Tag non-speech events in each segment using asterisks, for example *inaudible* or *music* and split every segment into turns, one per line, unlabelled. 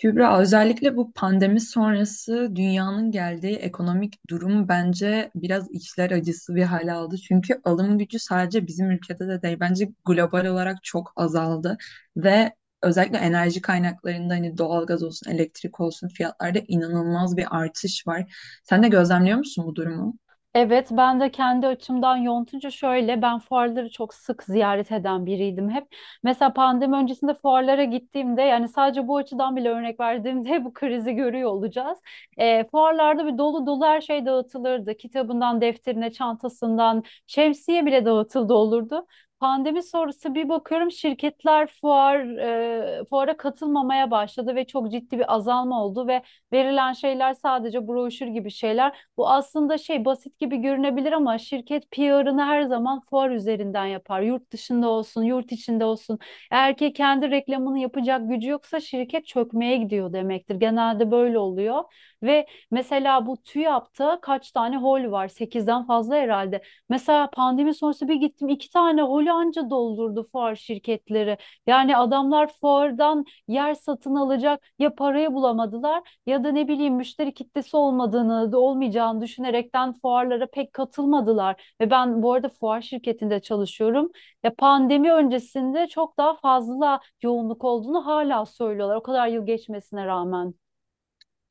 Kübra, özellikle bu pandemi sonrası dünyanın geldiği ekonomik durum bence biraz içler acısı bir hale aldı. Çünkü alım gücü sadece bizim ülkede de değil, bence global olarak çok azaldı. Ve özellikle enerji kaynaklarında hani doğalgaz olsun, elektrik olsun fiyatlarda inanılmaz bir artış var. Sen de gözlemliyor musun bu durumu?
Evet, ben de kendi açımdan yontunca şöyle, ben fuarları çok sık ziyaret eden biriydim hep. Mesela pandemi öncesinde fuarlara gittiğimde, yani sadece bu açıdan bile örnek verdiğimde *laughs* bu krizi görüyor olacağız. Fuarlarda dolu dolu her şey dağıtılırdı. Kitabından, defterine, çantasından, şemsiye bile dağıtıldı olurdu. Pandemi sonrası bir bakıyorum şirketler fuara katılmamaya başladı ve çok ciddi bir azalma oldu ve verilen şeyler sadece broşür gibi şeyler. Bu aslında şey basit gibi görünebilir ama şirket PR'ını her zaman fuar üzerinden yapar. Yurt dışında olsun, yurt içinde olsun. Eğer ki kendi reklamını yapacak gücü yoksa şirket çökmeye gidiyor demektir. Genelde böyle oluyor. Ve mesela bu TÜYAP'ta kaç tane hol var? Sekizden fazla herhalde. Mesela pandemi sonrası bir gittim iki tane holü anca doldurdu fuar şirketleri. Yani adamlar fuardan yer satın alacak ya parayı bulamadılar ya da ne bileyim müşteri kitlesi olmadığını, olmayacağını düşünerekten fuarlara pek katılmadılar. Ve ben bu arada fuar şirketinde çalışıyorum. Ya pandemi öncesinde çok daha fazla yoğunluk olduğunu hala söylüyorlar. O kadar yıl geçmesine rağmen.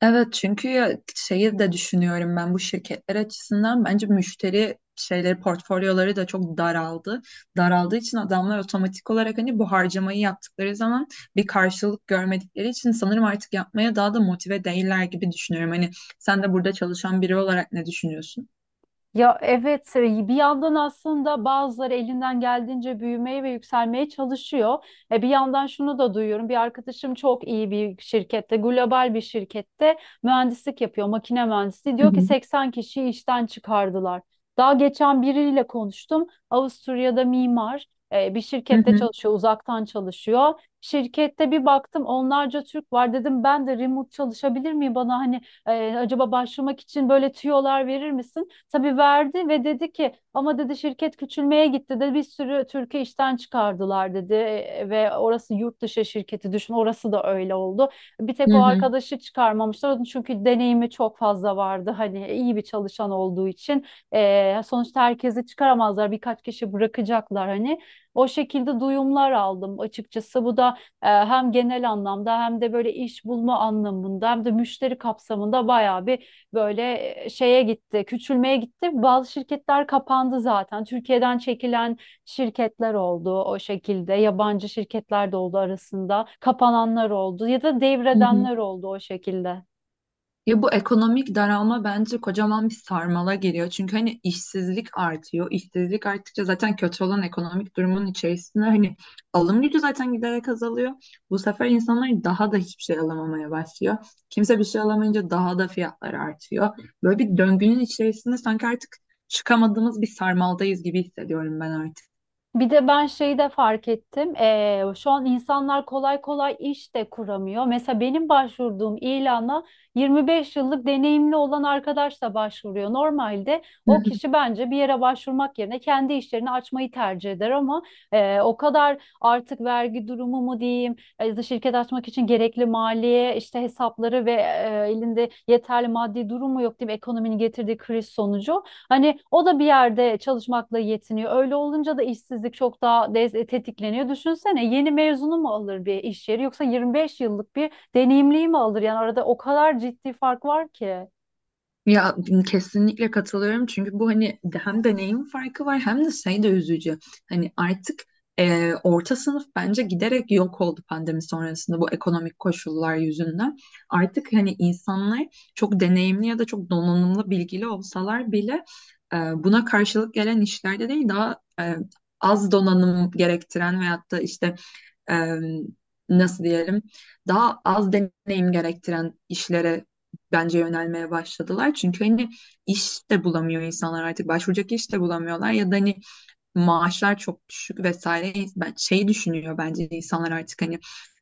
Evet, çünkü ya şeyi de düşünüyorum, ben bu şirketler açısından bence müşteri şeyleri, portfolyoları da çok daraldı. Daraldığı için adamlar otomatik olarak hani bu harcamayı yaptıkları zaman bir karşılık görmedikleri için sanırım artık yapmaya daha da motive değiller gibi düşünüyorum. Hani sen de burada çalışan biri olarak ne düşünüyorsun?
Ya evet, bir yandan aslında bazıları elinden geldiğince büyümeye ve yükselmeye çalışıyor. Bir yandan şunu da duyuyorum. Bir arkadaşım çok iyi bir şirkette, global bir şirkette mühendislik yapıyor, makine mühendisliği.
Hı
Diyor ki
hı.
80 kişiyi işten çıkardılar. Daha geçen biriyle konuştum. Avusturya'da bir
Hı
şirkette
hı,
çalışıyor, uzaktan çalışıyor. Şirkette bir baktım onlarca Türk var dedim ben de remote çalışabilir miyim bana acaba başlamak için böyle tüyolar verir misin? Tabii verdi ve dedi ki ama dedi şirket küçülmeye gitti de bir sürü Türkiye işten çıkardılar dedi. Ve orası yurt dışı şirketi düşün orası da öyle oldu. Bir tek
hı
o
hı,
arkadaşı çıkarmamışlar onun çünkü deneyimi çok fazla vardı hani, iyi bir çalışan olduğu için. Sonuçta herkesi çıkaramazlar birkaç kişi bırakacaklar hani, o şekilde duyumlar aldım açıkçası. Bu da hem genel anlamda hem de böyle iş bulma anlamında hem de müşteri kapsamında bayağı bir böyle şeye gitti, küçülmeye gitti. Bazı şirketler kapandı zaten. Türkiye'den çekilen şirketler oldu o şekilde. Yabancı şirketler de oldu arasında. Kapananlar oldu ya da
hı hı.
devredenler oldu o şekilde.
Ya, bu ekonomik daralma bence kocaman bir sarmala giriyor. Çünkü hani işsizlik artıyor. İşsizlik arttıkça zaten kötü olan ekonomik durumun içerisinde hani alım gücü zaten giderek azalıyor. Bu sefer insanlar daha da hiçbir şey alamamaya başlıyor. Kimse bir şey alamayınca daha da fiyatlar artıyor. Böyle bir döngünün içerisinde sanki artık çıkamadığımız bir sarmaldayız gibi hissediyorum ben artık.
Bir de ben şeyi de fark ettim. Şu an insanlar kolay kolay iş de kuramıyor. Mesela benim başvurduğum ilana 25 yıllık deneyimli olan arkadaş da başvuruyor. Normalde o kişi bence bir yere başvurmak yerine kendi işlerini açmayı tercih eder ama o kadar artık vergi durumu mu diyeyim, ya da şirket açmak için gerekli maliye işte hesapları ve elinde yeterli maddi durumu yok diyeyim ekonominin getirdiği kriz sonucu. Hani o da bir yerde çalışmakla yetiniyor. Öyle olunca da işsizlik çok daha tetikleniyor. Düşünsene yeni mezunu mu alır bir iş yeri yoksa 25 yıllık bir deneyimliyi mi alır? Yani arada o kadar ciddi fark var ki.
Ya, kesinlikle katılıyorum çünkü bu hani hem deneyim farkı var, hem de şey de üzücü. Hani artık orta sınıf bence giderek yok oldu pandemi sonrasında bu ekonomik koşullar yüzünden. Artık hani insanlar çok deneyimli ya da çok donanımlı, bilgili olsalar bile e, buna karşılık gelen işlerde değil, daha az donanım gerektiren, veyahut da işte e, nasıl diyelim, daha az deneyim gerektiren işlere bence yönelmeye başladılar. Çünkü hani iş de bulamıyor insanlar, artık başvuracak iş de bulamıyorlar ya da hani maaşlar çok düşük vesaire. Ben şeyi düşünüyor, bence insanlar artık hani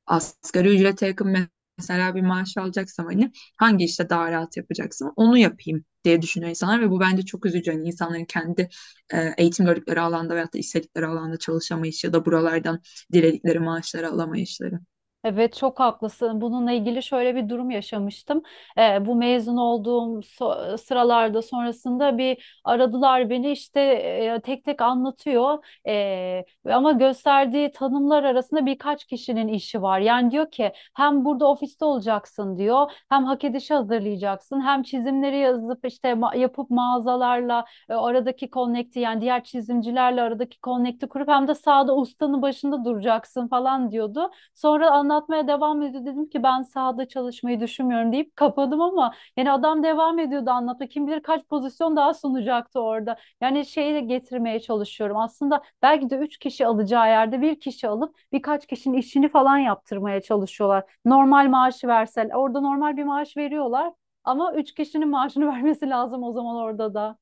asgari ücrete yakın mesela bir maaş alacaksam hani hangi işte daha rahat yapacaksam onu yapayım diye düşünüyor insanlar ve bu bence çok üzücü. Hani insanların kendi eğitim gördükleri alanda veyahut da istedikleri alanda çalışamayışı ya da buralardan diledikleri maaşları alamayışları.
Evet çok haklısın. Bununla ilgili şöyle bir durum yaşamıştım. Bu mezun olduğum sıralarda sonrasında bir aradılar beni işte, tek tek anlatıyor. Ama gösterdiği tanımlar arasında birkaç kişinin işi var. Yani diyor ki hem burada ofiste olacaksın diyor. Hem hak edişi hazırlayacaksın. Hem çizimleri yazıp işte yapıp mağazalarla, aradaki connect'i yani diğer çizimcilerle aradaki connect'i kurup hem de sahada ustanın başında duracaksın falan diyordu. Sonra anlatmaya devam ediyor. Dedim ki ben sahada çalışmayı düşünmüyorum deyip kapadım ama yani adam devam ediyordu anlatmaya. Kim bilir kaç pozisyon daha sunacaktı orada. Yani şeyi de getirmeye çalışıyorum. Aslında belki de üç kişi alacağı yerde bir kişi alıp birkaç kişinin işini falan yaptırmaya çalışıyorlar. Normal maaşı versen orada normal bir maaş veriyorlar ama üç kişinin maaşını *laughs* vermesi lazım o zaman orada da.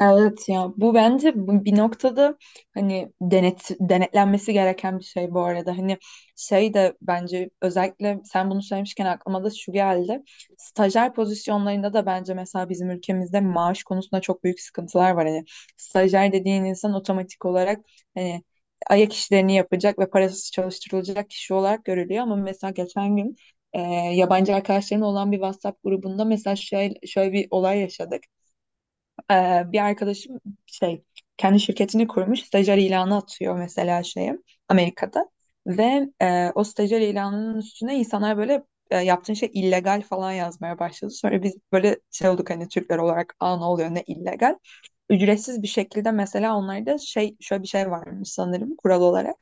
Evet ya, bu bence bu bir noktada hani denetlenmesi gereken bir şey bu arada. Hani şey de, bence özellikle sen bunu söylemişken, aklıma da şu geldi. Stajyer pozisyonlarında da bence mesela bizim ülkemizde maaş konusunda çok büyük sıkıntılar var. Hani stajyer dediğin insan otomatik olarak hani ayak işlerini yapacak ve parasız çalıştırılacak kişi olarak görülüyor. Ama mesela geçen gün e, yabancı arkadaşların olan bir WhatsApp grubunda mesela şöyle bir olay yaşadık. Bir arkadaşım şey kendi şirketini kurmuş, stajyer ilanı atıyor mesela şeye, Amerika'da, ve o stajyer ilanının üstüne insanlar böyle yaptığın şey illegal falan yazmaya başladı. Sonra biz böyle şey olduk, hani Türkler olarak, aa, ne oluyor, ne illegal. Ücretsiz bir şekilde, mesela onlarda şey şöyle bir şey varmış sanırım kural olarak.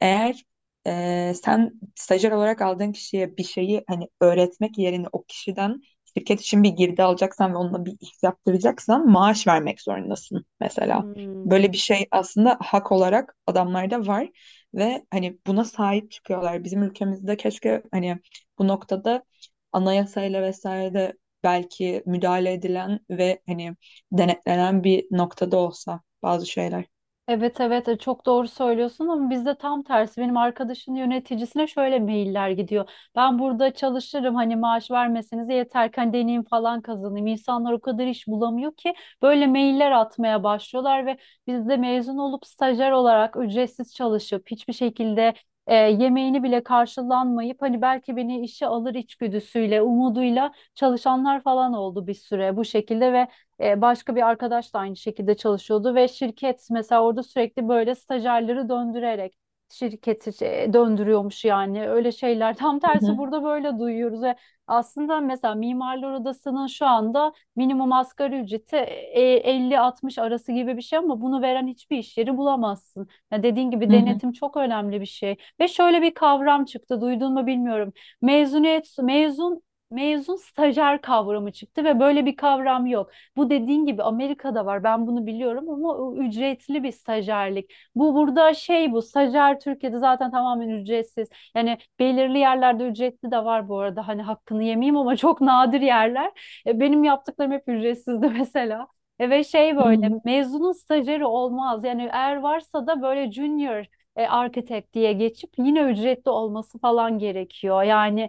Eğer sen stajyer olarak aldığın kişiye bir şeyi hani öğretmek yerine o kişiden şirket için bir girdi alacaksan ve onunla bir iş yaptıracaksan, maaş vermek zorundasın mesela.
Hmm.
Böyle bir şey aslında hak olarak adamlarda var ve hani buna sahip çıkıyorlar. Bizim ülkemizde keşke hani bu noktada anayasayla vesaire belki müdahale edilen ve hani denetlenen bir noktada olsa bazı şeyler.
Evet, evet, çok doğru söylüyorsun ama bizde tam tersi benim arkadaşın yöneticisine şöyle mailler gidiyor. Ben burada çalışırım hani maaş vermeseniz yeter ki hani deneyim falan kazanayım. İnsanlar o kadar iş bulamıyor ki böyle mailler atmaya başlıyorlar ve biz de mezun olup stajyer olarak ücretsiz çalışıp hiçbir şekilde yemeğini bile karşılanmayıp hani belki beni işe alır içgüdüsüyle umuduyla çalışanlar falan oldu bir süre bu şekilde ve başka bir arkadaş da aynı şekilde çalışıyordu ve şirket mesela orada sürekli böyle stajyerleri döndürerek şirketi döndürüyormuş yani öyle şeyler. *laughs* Tam tersi
Hı,
burada böyle duyuyoruz ve aslında mesela Mimarlar Odası'nın şu anda minimum asgari ücreti 50-60 arası gibi bir şey ama bunu veren hiçbir iş yeri bulamazsın. Ya dediğin gibi
hı hı,
denetim çok önemli bir şey. Ve şöyle bir kavram çıktı, duydun mu bilmiyorum. Mezuniyet, mezun, mezun stajyer kavramı çıktı ve böyle bir kavram yok. Bu dediğin gibi Amerika'da var. Ben bunu biliyorum ama o ücretli bir stajyerlik. Bu burada şey bu stajyer Türkiye'de zaten tamamen ücretsiz. Yani belirli yerlerde ücretli de var bu arada. Hani hakkını yemeyeyim ama çok nadir yerler. Benim yaptıklarım hep ücretsizdi *laughs* mesela. Ve şey
hı
böyle
hı.
mezunun stajyeri olmaz. Yani eğer varsa da böyle junior architect diye geçip yine ücretli olması falan gerekiyor. Yani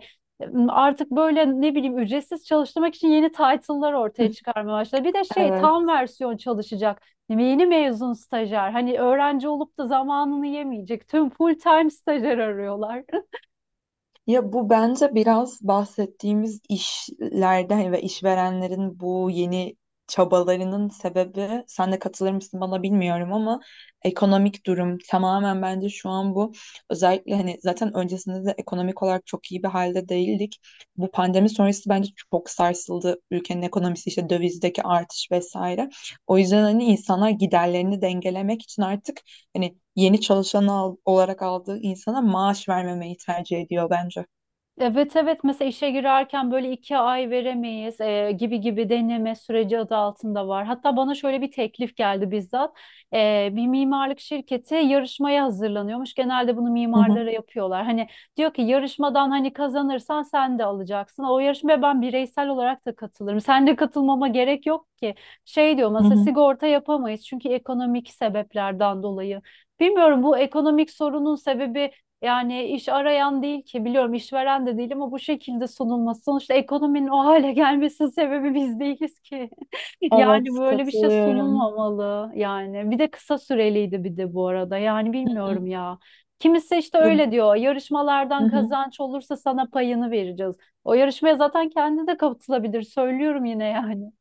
artık böyle ne bileyim ücretsiz çalıştırmak için yeni title'lar
Hı.
ortaya çıkarmaya başladı. Bir de şey
Evet.
tam versiyon çalışacak. Yeni mezun stajyer. Hani öğrenci olup da zamanını yemeyecek. Tüm full time stajyer arıyorlar.
Ya, bu bence biraz bahsettiğimiz işlerden ve işverenlerin bu yeni çabalarının sebebi, sen de katılır mısın bana bilmiyorum ama, ekonomik durum tamamen bence şu an bu. Özellikle hani zaten öncesinde de ekonomik olarak çok iyi bir halde değildik. Bu pandemi sonrası bence çok sarsıldı ülkenin ekonomisi, işte dövizdeki artış vesaire. O yüzden hani insanlar giderlerini dengelemek için artık hani yeni çalışan olarak aldığı insana maaş vermemeyi tercih ediyor bence.
Evet evet mesela işe girerken böyle iki ay veremeyiz gibi gibi deneme süreci adı altında var. Hatta bana şöyle bir teklif geldi bizzat. Bir mimarlık şirketi yarışmaya hazırlanıyormuş. Genelde bunu
Hı hı,
mimarlara yapıyorlar. Hani diyor ki yarışmadan hani kazanırsan sen de alacaksın. O yarışmaya ben bireysel olarak da katılırım. Sen de katılmama gerek yok ki. Şey diyor
hı
mesela
hı.
sigorta yapamayız çünkü ekonomik sebeplerden dolayı. Bilmiyorum bu ekonomik sorunun sebebi yani iş arayan değil ki biliyorum işveren de değil ama bu şekilde sunulması sonuçta ekonominin o hale gelmesinin sebebi biz değiliz ki. *laughs* Yani
Evet,
böyle bir şey
katılıyorum.
sunulmamalı yani. Bir de kısa süreliydi bir de bu arada. Yani bilmiyorum
Hı.
ya. Kimisi işte
Ya,
öyle diyor.
hı
Yarışmalardan
hı.
kazanç olursa sana payını vereceğiz. O yarışmaya zaten kendi de katılabilir. Söylüyorum yine yani.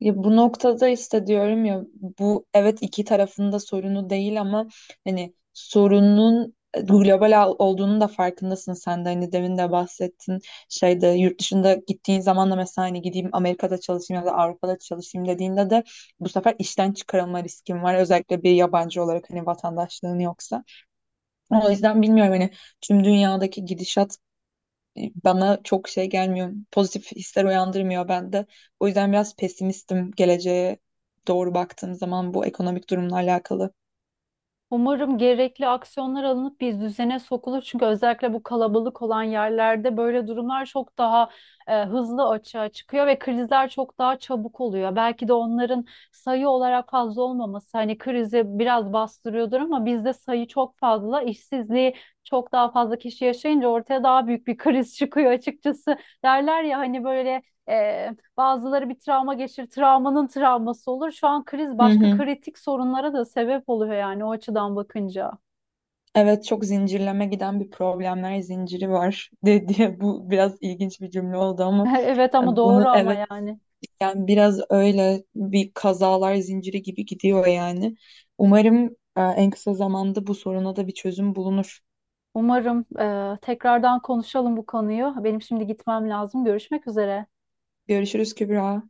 Ya, bu noktada işte diyorum ya, bu evet iki tarafında sorunu değil ama hani sorunun global olduğunun da farkındasın sen de, hani demin de bahsettin, şeyde, yurt dışında gittiğin zaman da mesela hani gideyim Amerika'da çalışayım ya da Avrupa'da çalışayım dediğinde de bu sefer işten çıkarılma riskin var, özellikle bir yabancı olarak hani vatandaşlığın yoksa. O yüzden bilmiyorum hani tüm dünyadaki gidişat bana çok şey gelmiyor. Pozitif hisler uyandırmıyor bende. O yüzden biraz pesimistim, geleceğe doğru baktığım zaman, bu ekonomik durumla alakalı.
Umarım gerekli aksiyonlar alınıp bir düzene sokulur. Çünkü özellikle bu kalabalık olan yerlerde böyle durumlar çok daha hızlı açığa çıkıyor ve krizler çok daha çabuk oluyor. Belki de onların sayı olarak fazla olmaması hani krizi biraz bastırıyordur ama bizde sayı çok fazla, işsizliği çok daha fazla kişi yaşayınca ortaya daha büyük bir *laughs* kriz çıkıyor açıkçası. Derler ya hani böyle e, bazıları bir travma geçirir, travmanın travması olur. Şu an kriz
Hı
başka
hı.
kritik sorunlara da sebep oluyor yani o açıdan bakınca.
Evet, çok zincirleme giden bir problemler zinciri var *laughs* diye, bu biraz ilginç bir cümle oldu
*laughs*
ama,
Evet ama
yani
doğru
bunu,
ama
evet,
yani.
yani biraz öyle bir kazalar zinciri gibi gidiyor yani. Umarım en kısa zamanda bu soruna da bir çözüm bulunur.
Umarım, tekrardan konuşalım bu konuyu. Benim şimdi gitmem lazım. Görüşmek üzere.
Görüşürüz Kübra.